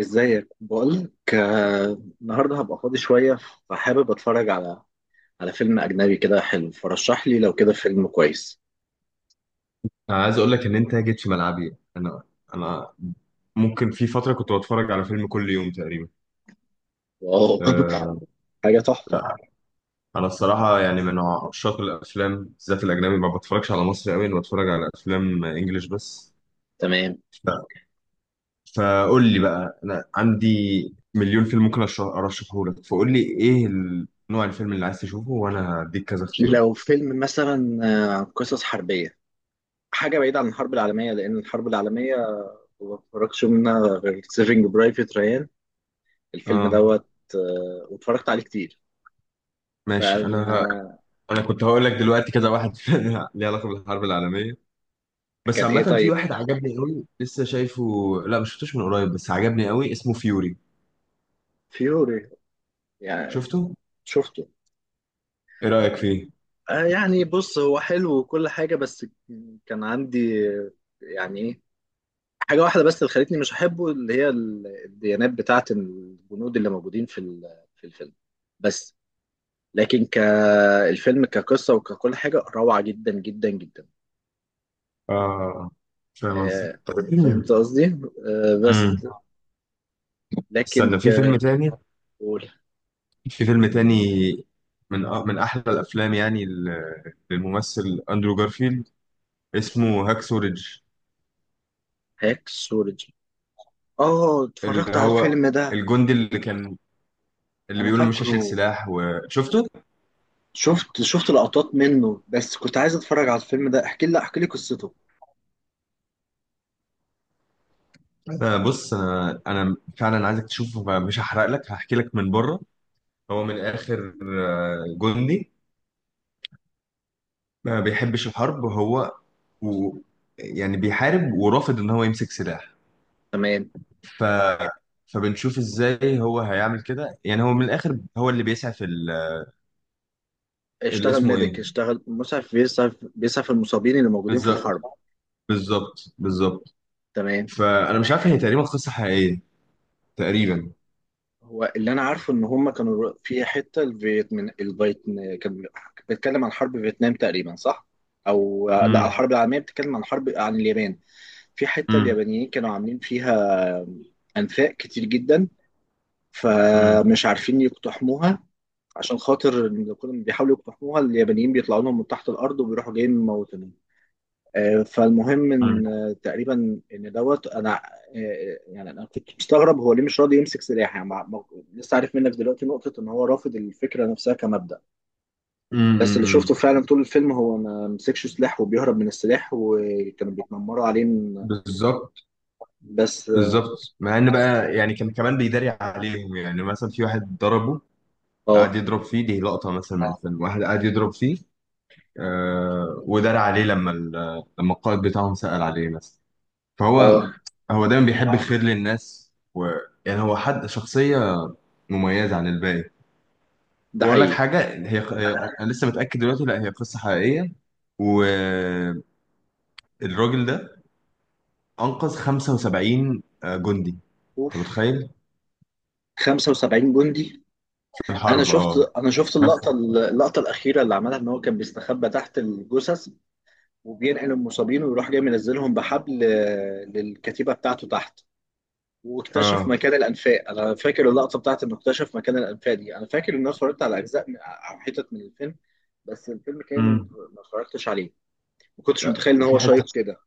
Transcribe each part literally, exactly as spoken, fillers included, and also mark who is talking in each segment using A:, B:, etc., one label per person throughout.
A: ازيك، بقولك آه، النهارده هبقى فاضي شوية، فحابب اتفرج على على فيلم أجنبي كده حلو. فرشح لي لو كده فيلم كويس.
B: انا عايز اقول لك ان انت جيت في ملعبي انا انا ممكن في فتره كنت بتفرج على فيلم كل يوم تقريبا.
A: واو
B: أه.
A: حاجة تحفة.
B: انا الصراحه يعني من عشاق الافلام، بالذات الاجنبي، ما بتفرجش على مصري قوي، انا بتفرج على افلام انجليش بس.
A: تمام.
B: ف- فقول لي بقى، انا عندي مليون فيلم ممكن أرش- ارشحه لك، فقول لي ايه ال- نوع الفيلم اللي عايز تشوفه وانا هديك كذا اختيار.
A: لو فيلم مثلا آه، قصص حربية، حاجة بعيدة عن الحرب العالمية، لأن الحرب العالمية ما اتفرجتش منها غير سيفنج برايفت ريان، الفيلم
B: اه
A: دوت. آه، واتفرجت عليه كتير.
B: ماشي. انا
A: فكان.
B: انا كنت هقول لك دلوقتي كذا واحد ليه علاقه بالحرب العالميه، بس
A: إيه
B: عامة في
A: طيب.
B: واحد عجبني قوي لسه شايفه. لا، ما شفتوش من قريب بس عجبني قوي، اسمه فيوري.
A: فيوري؟ يعني
B: شفته؟
A: شفته.
B: ايه رأيك فيه؟
A: آه، يعني بص، هو حلو وكل حاجة، بس كان عندي يعني ايه، حاجة واحدة بس اللي خلتني مش أحبه، اللي هي ال- الديانات بتاعة الجنود اللي موجودين في ال- في الفيلم. بس لكن كالفيلم كقصة وككل حاجة، روعة جدا جدا جدا.
B: اه، فاهم قصدك.
A: آه، فهمت قصدي؟ آه، بس
B: امم.
A: لكن
B: استنى، في فيلم
A: ك.
B: تاني. في فيلم تاني من أ- من احلى الافلام يعني ل- للممثل اندرو جارفيلد، اسمه هاكسو ريدج.
A: هاكسولوجي. اه اتفرجت
B: اللي
A: على
B: هو
A: الفيلم ده.
B: الجندي اللي كان اللي
A: انا
B: بيقول مش هشيل
A: فاكره.
B: سلاح وشفته.
A: شفت شفت لقطات منه، بس كنت عايز اتفرج على الفيلم ده. احكي لي احكي لي قصته.
B: انا بص، انا انا فعلا عايزك تشوفه، مش هحرق لك، هحكي لك من بره. هو من الآخر آه، جندي ما بيحبش الحرب. هو، و يعني بيحارب ورافض إن هو يمسك سلاح.
A: تمام.
B: ف... فبنشوف إزاي هو هيعمل كده. يعني هو من الآخر هو اللي بيسعى في ال... اللي
A: اشتغل
B: اسمه إيه،
A: ميديك، اشتغل مسعف، بيسعف بيسعف المصابين اللي موجودين في
B: بالظبط.
A: الحرب.
B: بالظبط بالظبط.
A: تمام.
B: فأنا مش عارف، هي تقريبا قصة حقيقية، تقريبا.
A: هو اللي انا عارفه ان هم كانوا في حته الفيتمن الفيتن كان بيتكلم عن حرب فيتنام تقريبا، صح؟ او لا،
B: امم
A: الحرب العالميه، بتتكلم عن حرب عن اليابان، في حته
B: امم.
A: اليابانيين كانوا عاملين فيها انفاق كتير جدا،
B: امم
A: فمش عارفين يقتحموها، عشان خاطر إن كل ما بيحاولوا يقتحموها اليابانيين بيطلعوا لهم من تحت الارض وبيروحوا جايين مموتينهم. آه، فالمهم ان آه، تقريبا ان دوت انا آه، يعني انا كنت مستغرب هو ليه مش راضي يمسك سلاح، يعني مع- مع- لسه عارف منك دلوقتي نقطة ان هو رافض الفكرة نفسها كمبدأ.
B: امم
A: بس اللي
B: امم.
A: شفته فعلا طول الفيلم هو ما مسكش سلاح، وبيهرب من السلاح، وكانوا بيتنمروا عليه إن-
B: بالظبط.
A: بس.
B: بالظبط مع ان بقى يعني كان كمان بيداري عليهم. يعني مثلا في واحد ضربه قعد
A: اه
B: يضرب فيه، دي لقطة مثلا من اه الفيلم، واحد قعد يضرب فيه. آه، ودار عليه لما ال- لما القائد بتاعهم سأل عليه مثلا. فهو
A: اه
B: هو دايما بيحب اه الخير للناس و يعني هو حد شخصية مميزة عن الباقي.
A: ده
B: وأقول لك
A: حقيقي.
B: حاجة، هي هي- أنا لسه متأكد دلوقتي، لا هي قصة حقيقية، والراجل ده أنقذ خمسة وسبعين جندي. أنت
A: اوف.
B: متخيل؟
A: 75 جندي.
B: في
A: انا
B: الحرب،
A: شفت
B: أه.
A: انا شفت
B: في
A: اللقطة،
B: نفس-
A: اللقطة الأخيرة اللي عملها، ان هو كان بيستخبى تحت الجثث وبينقل المصابين، ويروح جاي منزلهم بحبل آه، للكتيبه بتاعته تحت، واكتشف
B: اه.
A: مكان الانفاق. انا فاكر اللقطه بتاعت انه اكتشف مكان الانفاق دي، انا فاكر ان انا اتفرجت على اجزاء من- او حتت من الفيلم، بس الفيلم كامل
B: امم.
A: ما اتفرجتش عليه. ما كنتش
B: لا،
A: متخيل ان
B: وفي
A: هو
B: حته،
A: شيق كده.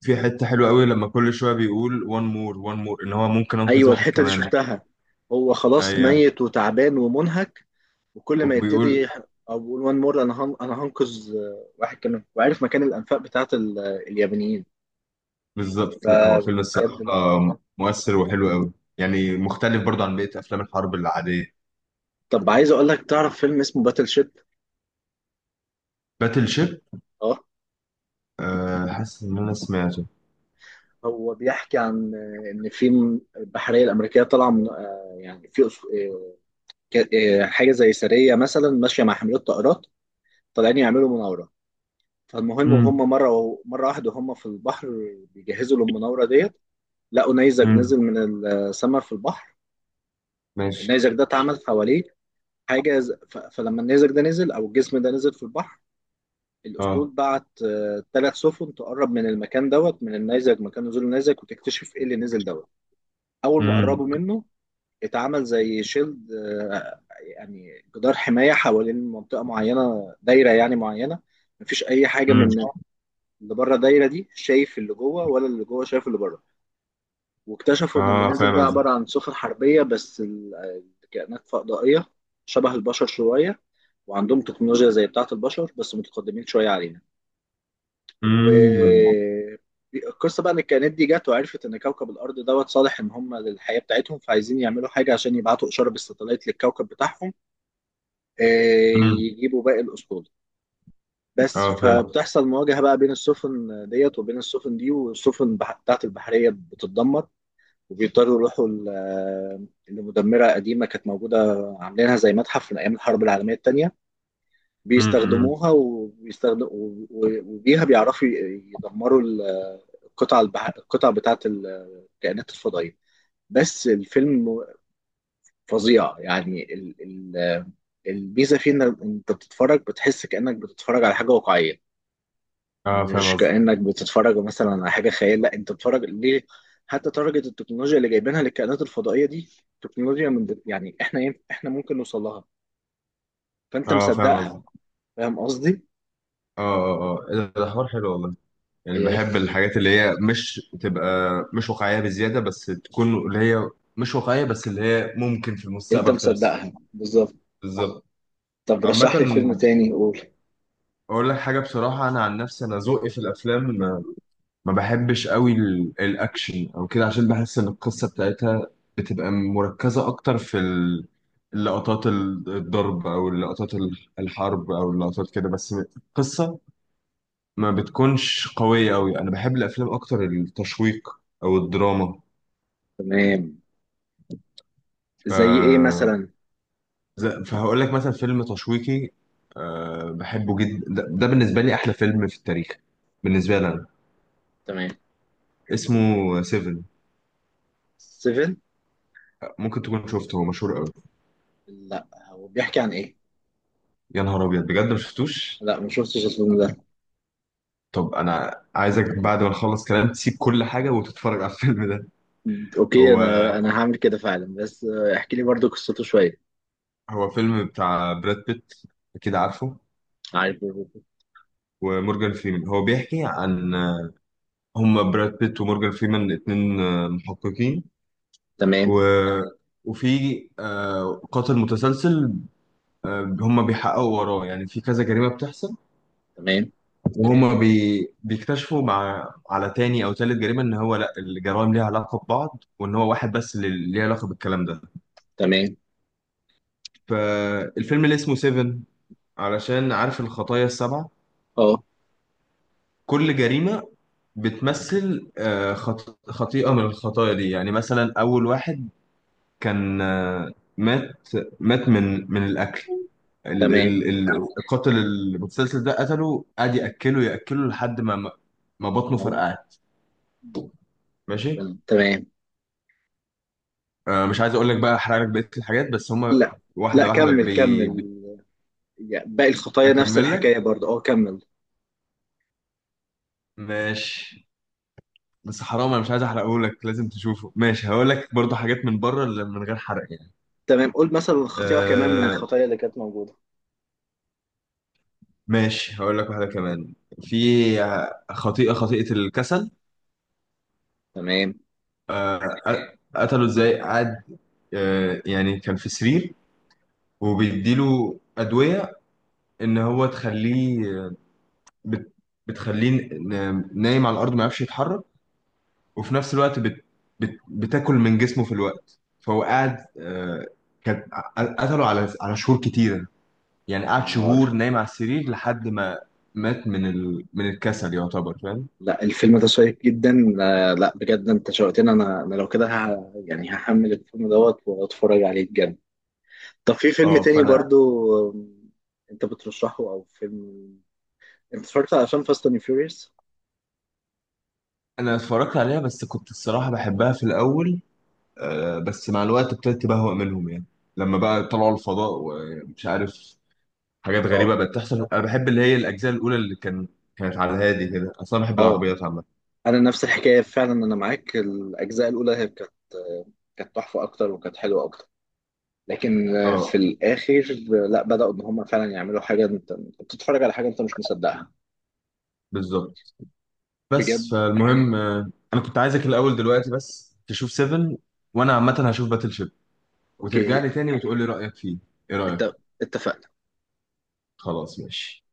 B: في حتة حلوة قوي لما كل شوية بيقول one more one more ان هو ممكن انقذ
A: ايوه
B: واحد
A: الحته دي
B: كمان.
A: شفتها. هو خلاص
B: ايوه.
A: ميت وتعبان ومنهك، وكل ما يبتدي
B: وبيقول
A: يح- او بيقول وان مور، انا هن... انا هنقذ آه، واحد كمان، وعارف مكان الانفاق بتاعت ال... اليابانيين.
B: بالظبط. لا هو فيلم
A: فبجد.
B: الصراحة مؤثر وحلو قوي، يعني مختلف برضو عن بقية افلام الحرب العادية.
A: طب عايز اقول لك، تعرف فيلم اسمه باتل شيب؟
B: باتل شيب.
A: اه.
B: أه، حاسس ان انا سمعته.
A: هو بيحكي عن آه، ان في م- البحريه الامريكيه طالعه من آه، يعني في أس- آه، ك- آه، حاجه زي سريه مثلا ماشيه مع حاملات طائرات، طالعين يعملوا مناوره. فالمهم وهم
B: امم
A: مره مره واحده هم في البحر، بيجهزوا للمناوره ديت، لقوا نيزك
B: امم.
A: نزل من السماء في البحر.
B: ماشي.
A: النيزك ده اتعمل حواليه حاجه ز- ف- فلما النيزك ده نزل، او الجسم ده نزل في البحر، الأسطول
B: اه.
A: بعت ثلاث سفن تقرب من المكان دوت، من النيزك، مكان نزول النيزك، وتكتشف إيه اللي نزل دوت. أول ما
B: امم
A: قربوا منه اتعمل زي شيلد، آه، يعني جدار حماية حوالين منطقة معينة، دايرة يعني معينة، مفيش أي حاجة
B: امم.
A: من اللي بره الدايرة دي شايف اللي جوه، ولا اللي جوه شايف اللي بره. واكتشفوا إن اللي
B: اه،
A: نزل
B: فاهم
A: ده
B: قصدي.
A: عبارة عن سفن حربية، بس ال- الكائنات فضائية، شبه البشر شوية، وعندهم تكنولوجيا زي بتاعة البشر بس متقدمين شوية علينا.
B: امم
A: والقصه بقى ان الكائنات دي جت وعرفت ان كوكب الارض دوت صالح ان هم للحياه بتاعتهم، فعايزين يعملوا حاجه عشان يبعتوا اشاره بالستلايت للكوكب بتاعهم، آه،
B: امم.
A: يجيبوا باقي الاسطول. بس
B: اه فاهم.
A: فبتحصل مواجهه بقى بين السفن ديت وبين السفن دي، والسفن بح- بتاعت البحريه بتتدمر، وبيضطروا يروحوا ل- لمدمره قديمه كانت موجوده، عاملينها زي متحف، من ايام الحرب العالميه الثانيه،
B: امم.
A: بيستخدموها، وبيستخدم و- و- وبيها بيعرفوا ي- يدمروا ال- القطع البح... القطع بتاعة الكائنات الفضائية. بس الفيلم فظيع، يعني ال... ال... الميزة فيه انك انت بتتفرج، بتحس كأنك بتتفرج على حاجة واقعية،
B: اه فاهم
A: مش
B: قصدي.
A: كأنك بتتفرج مثلا على حاجة خيال، لا، انت بتتفرج ليه. حتى درجة التكنولوجيا اللي جايبينها للكائنات الفضائية دي، تكنولوجيا من يعني احنا إيه، احنا ممكن نوصل لها، فانت
B: اه فاهم قصدي.
A: مصدقها.
B: اه
A: فاهم قصدي؟
B: اه اه، إيه ده، ده حوار حلو والله. يعني
A: إيه.
B: بحب الحاجات اللي هي مش تبقى مش واقعية بزيادة، بس تكون اللي هي مش واقعية بس اللي هي ممكن في
A: انت
B: المستقبل تحصل.
A: مصدقها بالظبط.
B: بالظبط.
A: طب
B: عامة،
A: رشح لي فيلم تاني، قول.
B: أقول لك حاجة بصراحة، أنا عن نفسي أنا ذوقي في الأفلام ما ما بحبش قوي ال- الأكشن أو كده، عشان بحس إن القصة بتاعتها بتبقى مركزة أكتر في ال- اللقطات ال- الضرب أو اللقطات ال- الحرب أو اللقطات كده بس. القصة ما بتكونش قوية أوي. أنا بحب الأفلام أكتر التشويق أو الدراما.
A: تمام.
B: ف...
A: زي ايه مثلا؟
B: ز- فهقول لك مثلا فيلم تشويقي أه بحبه جدا، ده, ده بالنسبة لي أحلى فيلم في التاريخ، بالنسبة لي أنا.
A: تمام.
B: اسمه سيفن.
A: سيفن؟
B: ممكن تكون شفته، هو مشهور قوي.
A: لا، هو بيحكي عن ايه؟
B: يا نهار أبيض، بجد ما شفتوش.
A: لا، ما شفتش الفيلم ده.
B: طب أنا عايزك بعد ما نخلص كلام تسيب كل حاجة وتتفرج على الفيلم ده.
A: اوكي،
B: هو
A: انا انا هعمل كده فعلا، بس آه، احكي لي برضو قصته شويه.
B: هو فيلم بتاع براد بيت، أكيد عارفه.
A: عارف.
B: ومورجان فريمان. هو بيحكي عن هما براد بيت ومورجان فريمان اتنين آه، محققين، و
A: تمام.
B: وفي آه، قاتل متسلسل، آه، هم بيحققوا وراه يعني في كذا جريمة بتحصل.
A: تمام.
B: وهم بي... بيكتشفوا مع على تاني أو تالت جريمة إن هو لأ الجرائم ليها علاقة ببعض، وإن هو واحد بس اللي ليه علاقة بالكلام ده.
A: تمام.
B: فالفيلم اللي اسمه سيفن، علشان عارف الخطايا السبعة،
A: اه.
B: كل جريمة بتمثل آه، خط... خطيئة من الخطايا دي. يعني مثلا أول واحد كان آه، مات مات من من الأكل. ال
A: تمام.
B: ال ال- القاتل المتسلسل ده قتله، قعد ياكله ياكله لحد ما ما ما بطنه
A: موت.
B: فرقعت. ماشي.
A: ربنا. تمام.
B: آه، مش عايز اقول لك بقى احرق لك بقيه الحاجات، بس هما
A: لا. لا،
B: واحده واحده
A: كمل
B: بي...
A: كمل،
B: بي...
A: يعني باقي الخطايا نفس
B: اكمل
A: الحكايه
B: لك
A: برضه، اه كمل.
B: ماشي. بس حرام، انا مش عايز احرقه لك، لازم تشوفه. ماشي، هقول لك برضه حاجات من بره، اللي من غير حرق يعني.
A: تمام. قول مثلا الخطيئه كمان من
B: آه
A: الخطايا اللي كانت موجوده.
B: ماشي، هقول لك واحده كمان. في خطيئه خطيئه الكسل.
A: تمام.
B: آه، قتله ازاي. قعد، آه يعني كان في سرير وبيديله ادويه ان هو تخليه بت... بتخليه ن- نايم على الارض ما يعرفش يتحرك. وفي نفس الوقت بت... بت... بتاكل من جسمه في الوقت. فهو قاعد، آه، كان قتله على على شهور كتيره. يعني
A: يا
B: قعد
A: نهار.
B: شهور نايم على السرير لحد ما مات من ال... من الكسل يعتبر، فاهم.
A: لا، الفيلم ده شيق جدا. آه، لا بجد، انت شوقتني. انا انا لو كده ه... يعني هحمل الفيلم دوت واتفرج عليه بجد. طب في فيلم
B: اه،
A: تاني
B: فانا
A: برضو، آم، انت بترشحه، او فيلم انت اتفرجت على افلام فاست اند فيوريوس؟
B: انا اتفرجت عليها بس كنت الصراحه بحبها في الاول، آه، بس مع الوقت ابتديت بهوأ منهم. يعني لما بقى طلعوا الفضاء ومش عارف، حاجات
A: اه.
B: غريبه بقت تحصل. انا بحب اللي هي الاجزاء الاولى اللي كان كانت على الهادي كده، اصلا أنا بحب
A: اه،
B: العربيات عامه.
A: انا نفس الحكايه فعلا، انا معاك، الاجزاء الاولى هي كانت آه، كانت تحفه اكتر وكانت حلوه اكتر، لكن آه،
B: اه.
A: في الاخر آه، لا بداوا ان هم فعلا يعملوا حاجه انت أنت بتتفرج على حاجه انت مش مصدقها.
B: بالظبط.
A: بجد.
B: بس فالمهم آه، انا كنت عايزك الاول دلوقتي بس تشوف سيفن. وانا عامه هشوف باتل شيب. وترجع
A: اوكي.
B: لي تاني وتقول لي رايك فيه، ايه رايك.
A: انت. اتفقنا.
B: خلاص ماشي.